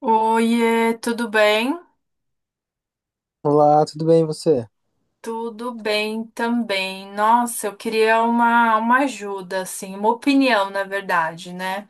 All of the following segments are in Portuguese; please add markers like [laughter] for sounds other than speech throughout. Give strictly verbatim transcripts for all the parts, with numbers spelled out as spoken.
Oiê, tudo bem? Olá, tudo bem você? Tudo bem também. Nossa, eu queria uma, uma ajuda, assim, uma opinião, na verdade, né?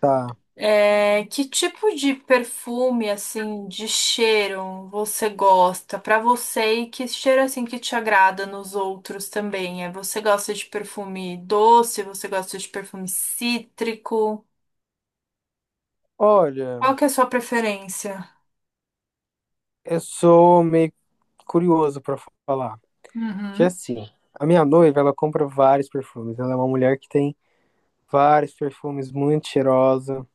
Tá. É, que tipo de perfume, assim, de cheiro você gosta pra você e que cheiro, assim, que te agrada nos outros também? É, você gosta de perfume doce? Você gosta de perfume cítrico? Olha, Qual que é a sua preferência? eu sou meio curioso pra falar, porque Uhum. assim, a minha noiva, ela compra vários perfumes. Ela é uma mulher que tem vários perfumes, muito cheirosa,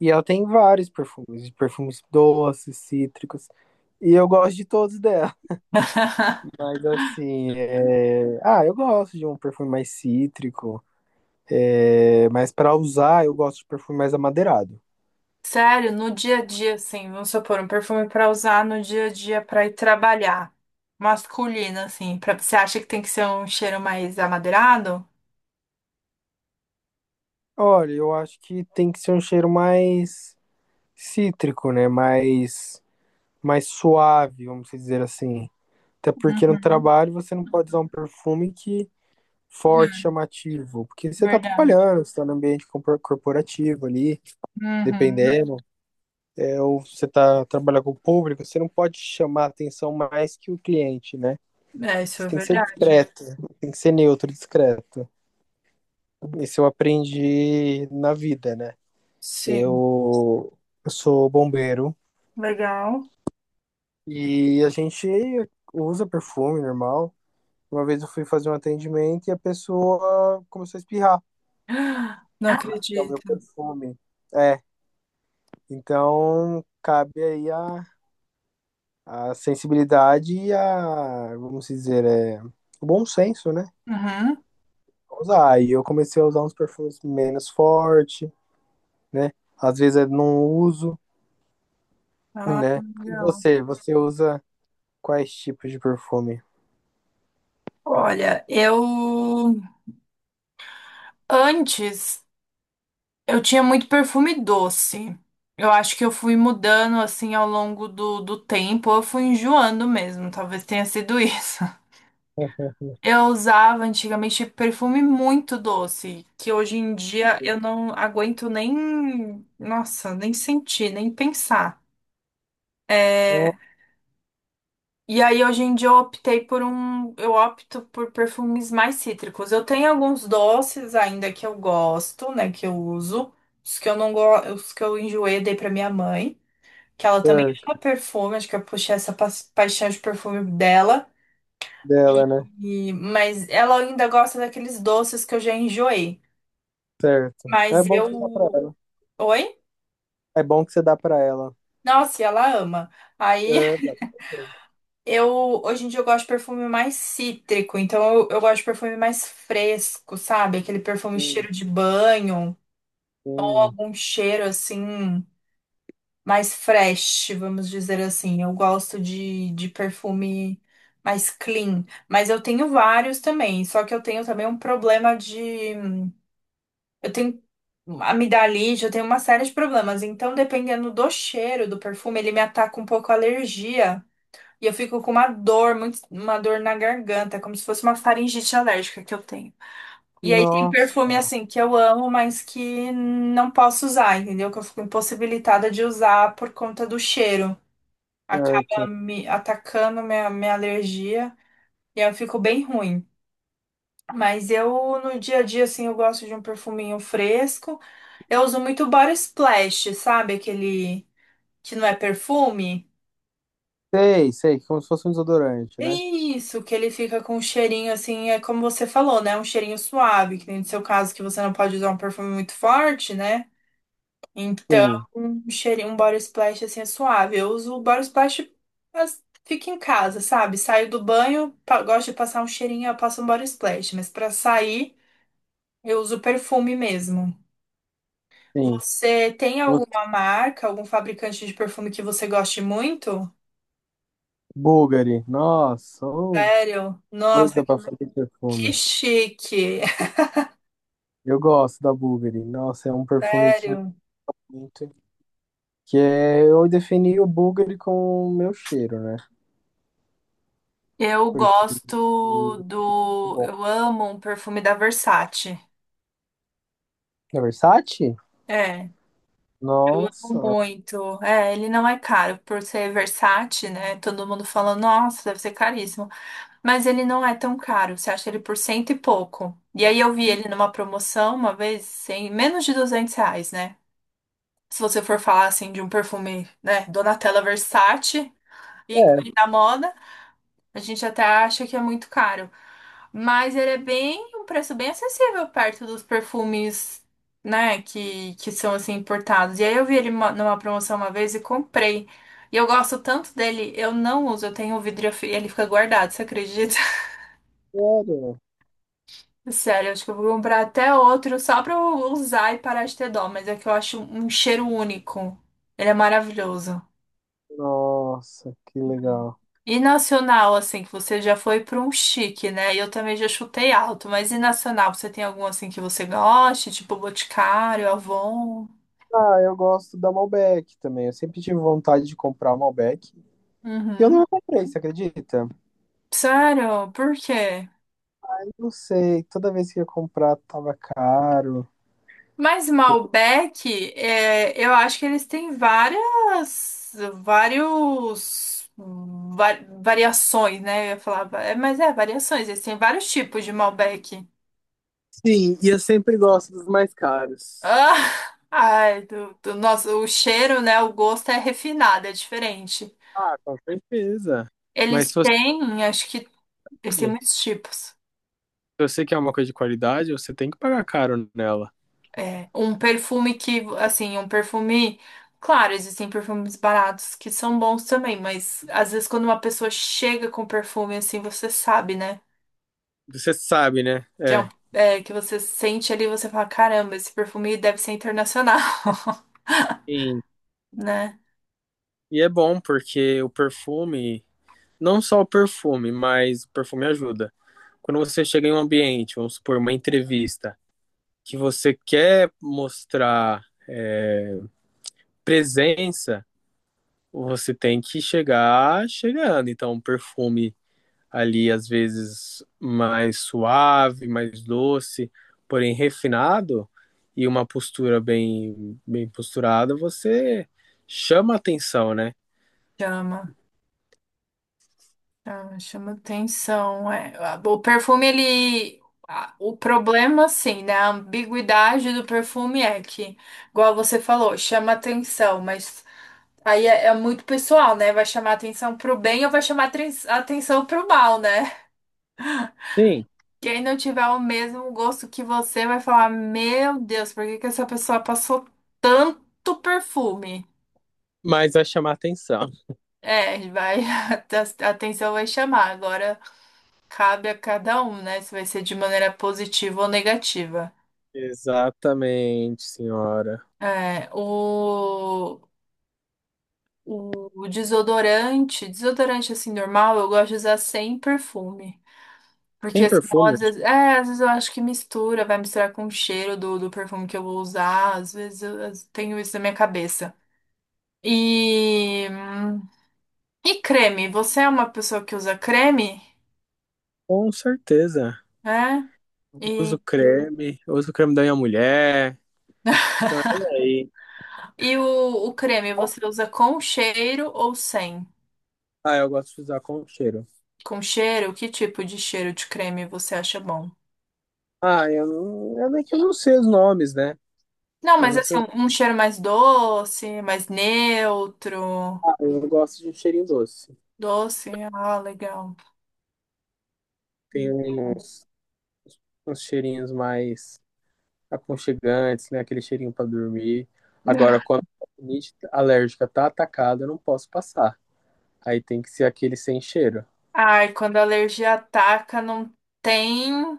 e ela tem vários perfumes, de perfumes doces, cítricos, e eu gosto de todos dela. [laughs] [laughs] Mas assim, é... ah, eu gosto de um perfume mais cítrico, é... mas pra usar eu gosto de perfume mais amadeirado. Sério, no dia a dia, assim, vamos supor, um perfume pra usar no dia a dia pra ir trabalhar. Masculino, assim, pra, você acha que tem que ser um cheiro mais amadeirado? Olha, eu acho que tem que ser um cheiro mais cítrico, né? Mais, mais suave, vamos dizer assim. Até porque no Uhum. trabalho você não pode usar um perfume que forte, É, chamativo, porque você está verdade. trabalhando, você está no ambiente compor- corporativo ali, Uhum. dependendo, é, ou você está trabalhando com o público, você não pode chamar atenção mais que o cliente, né? É, isso Você é tem que ser verdade. discreto, tem que ser neutro, discreto. Isso eu aprendi na vida, né? Sim. Eu, eu sou bombeiro. Legal. E a gente usa perfume normal. Uma vez eu fui fazer um atendimento e a pessoa começou a espirrar. [gasps] Não É o acredito. meu perfume. É, então cabe aí a, a sensibilidade e a, vamos dizer, é, o bom senso, né? Uhum. Usar. Aí eu comecei a usar uns perfumes menos forte, né? Às vezes eu não uso, Ah, né? E legal. você, você usa quais tipos de perfume? Olha, eu antes. Eu tinha muito perfume doce. Eu acho que eu fui mudando assim ao longo do, do tempo, eu fui enjoando mesmo, talvez tenha sido isso. [laughs] Eu usava antigamente perfume muito doce, que hoje em dia eu não aguento nem, nossa, nem sentir, nem pensar. É, e aí hoje em dia eu optei por um, eu opto por perfumes mais cítricos. Eu tenho alguns doces ainda que eu gosto, né, que eu uso. Os que eu não gosto, os que eu enjoei, dei pra minha mãe, que ela também Certo, ama perfume, acho que eu puxei essa pa- paixão de perfume dela. dela, né? E, mas ela ainda gosta daqueles doces que eu já enjoei. Certo. É Mas bom que dá pra eu. ela. Oi? É bom que você dá pra ela. Nossa, e ela ama. Aí É, dá, com certeza. [laughs] eu. Hoje em dia eu gosto de perfume mais cítrico. Então eu, eu gosto de perfume mais fresco, sabe? Aquele perfume Sim, cheiro de banho. sim. Algum cheiro assim, mais fresh, vamos dizer assim. Eu gosto de, de perfume mais clean, mas eu tenho vários também, só que eu tenho também um problema de. Eu tenho amidalite, eu tenho uma série de problemas, então dependendo do cheiro do perfume, ele me ataca um pouco a alergia. E eu fico com uma dor, muito, uma dor na garganta, como se fosse uma faringite alérgica que eu tenho. E aí tem Nossa, perfume assim que eu amo, mas que não posso usar, entendeu? Que eu fico impossibilitada de usar por conta do cheiro certo. acaba me atacando minha, minha alergia e aí eu fico bem ruim. Mas eu, no dia a dia, assim, eu gosto de um perfuminho fresco. Eu uso muito Body Splash, sabe? Aquele que não é perfume. Sei, sei, como se fosse um desodorante, É né? isso, que ele fica com um cheirinho assim, é como você falou, né? Um cheirinho suave, que nem no seu caso que você não pode usar um perfume muito forte, né? Então, Sim, um cheirinho, um body splash assim é suave. Eu uso o body splash, mas fica em casa, sabe? Saio do banho, pa- gosto de passar um cheirinho, eu passo um body splash, mas pra sair, eu uso perfume mesmo. sim. Você tem Nossa, alguma marca, algum fabricante de perfume que você goste muito? Bulgari, nossa, ô, Sério? Nossa, coisa pra fazer que perfume. chique. Eu gosto da Bulgari. Nossa, é um [laughs] perfume que Sério. muito. Que é, eu defini o Bulgari com o meu cheiro, né? Eu Porque. gosto do. Bom, Eu amo um perfume da Versace. é Versace? É. Eu amo Nossa, muito. É, ele não é caro por ser Versace, né? Todo mundo fala, nossa, deve ser caríssimo. Mas ele não é tão caro. Você acha ele por cento e pouco. E aí eu vi ele numa promoção uma vez, sem menos de duzentos reais, né? Se você for falar assim de um perfume, né? Donatella Versace, é, ícone da moda. A gente até acha que é muito caro. Mas ele é bem, um preço bem acessível perto dos perfumes, né, que, que são assim importados. E aí eu vi ele uma- numa promoção uma vez e comprei. E eu gosto tanto dele, eu não uso, eu tenho o vidro e eu fi- ele fica guardado, você acredita? sério. [laughs] Sério, acho que eu vou comprar até outro só pra eu usar e parar de ter dó, mas é que eu acho um cheiro único. Ele é maravilhoso. Nossa, que legal. E nacional, assim, que você já foi para um chique, né? E eu também já chutei alto, mas e nacional, você tem algum assim que você goste, tipo Boticário, Avon? Ah, eu gosto da Malbec também. Eu sempre tive vontade de comprar Malbec. E eu Uhum. não comprei, você acredita? Sério? Por quê? Eu não sei. Toda vez que eu ia comprar, tava caro. Mas Malbec, é, eu acho que eles têm várias, vários va- variações, né? Eu ia falar, va- é, mas é, variações, eles têm vários tipos de Malbec. Sim, e eu sempre gosto dos mais caros. Ah, [laughs] ai, do, do nosso, o cheiro, né? O gosto é refinado, é diferente. Ah, com certeza. Mas Eles se você, têm, acho que eles têm se muitos tipos. você quer uma coisa de qualidade, você tem que pagar caro nela. É, um perfume que, assim, um perfume. Claro, existem perfumes baratos que são bons também, mas às vezes quando uma pessoa chega com perfume, assim, você sabe, né? Você sabe, né? Que, é um- É. é, que você sente ali, você fala, caramba, esse perfume deve ser internacional, [laughs] Sim. né? E é bom porque o perfume, não só o perfume, mas o perfume ajuda. Quando você chega em um ambiente, vamos supor, uma entrevista. Que você quer mostrar presença, você tem que chegar chegando. Então, um perfume ali, às vezes, mais suave, mais doce, porém refinado, e uma postura bem, bem posturada, você chama atenção, né? Chama. Tá, chama atenção, é. Ah, o perfume, ele. a- O problema, assim, né? A ambiguidade do perfume é que, igual você falou, chama atenção, mas aí é, é muito pessoal, né? Vai chamar atenção pro bem ou vai chamar tren- atenção pro mal, né? Sim, Quem não tiver o mesmo gosto que você vai falar: Meu Deus, por que que essa pessoa passou tanto perfume? mas vai chamar atenção. É, vai, [laughs] a atenção vai chamar. Agora, cabe a cada um, né? Se vai ser de maneira positiva ou negativa. Exatamente, senhora. É, o, o desodorante, desodorante assim normal, eu gosto de usar sem perfume. Tem Porque senão, perfume? às vezes, é, às vezes eu acho que mistura, vai misturar com o cheiro do, do perfume que eu vou usar. Às vezes eu, eu tenho isso na minha cabeça. E, e creme, você é uma pessoa que usa creme? Com certeza. Né. Uso E, creme, uso creme da minha mulher. Então é por aí. e o, o creme, você usa com cheiro ou sem? Ah, eu gosto de usar com cheiro. Com cheiro, que tipo de cheiro de creme você acha bom? Ah, eu não. Eu nem que eu não sei os nomes, né? Não, Eu mas não assim, sei os um um cheiro mais doce, mais neutro. ah, eu gosto de um cheirinho doce. Doce, ah, legal. Tem uns, uns cheirinhos mais aconchegantes, né? Aquele cheirinho pra dormir. Agora, quando a rinite alérgica tá atacada, eu não posso passar. Aí tem que ser aquele sem cheiro. Ai, quando a alergia ataca, não tem,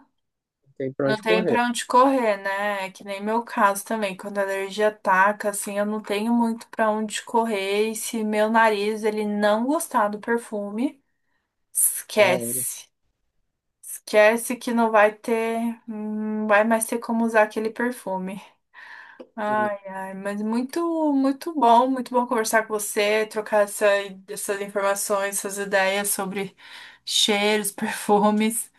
Não tem pra não onde tem correr. pra onde correr, né? É que nem meu caso também. Quando a alergia ataca, assim, eu não tenho muito pra onde correr. E se meu nariz, ele não gostar do perfume, Ah, esquece. Esquece que não vai ter, não vai mais ter como usar aquele perfume. é. Ai, ai, mas muito, muito bom, muito bom conversar com você, trocar essa, essas informações, essas ideias sobre cheiros, [laughs] perfumes.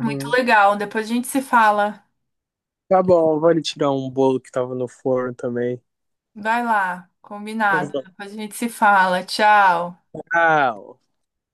Muito legal. Depois a gente se fala. Tá bom, vale tirar um bolo que tava no forno também. Vai lá, combinado. Uhum. Depois a gente se fala. Tchau. Tchau.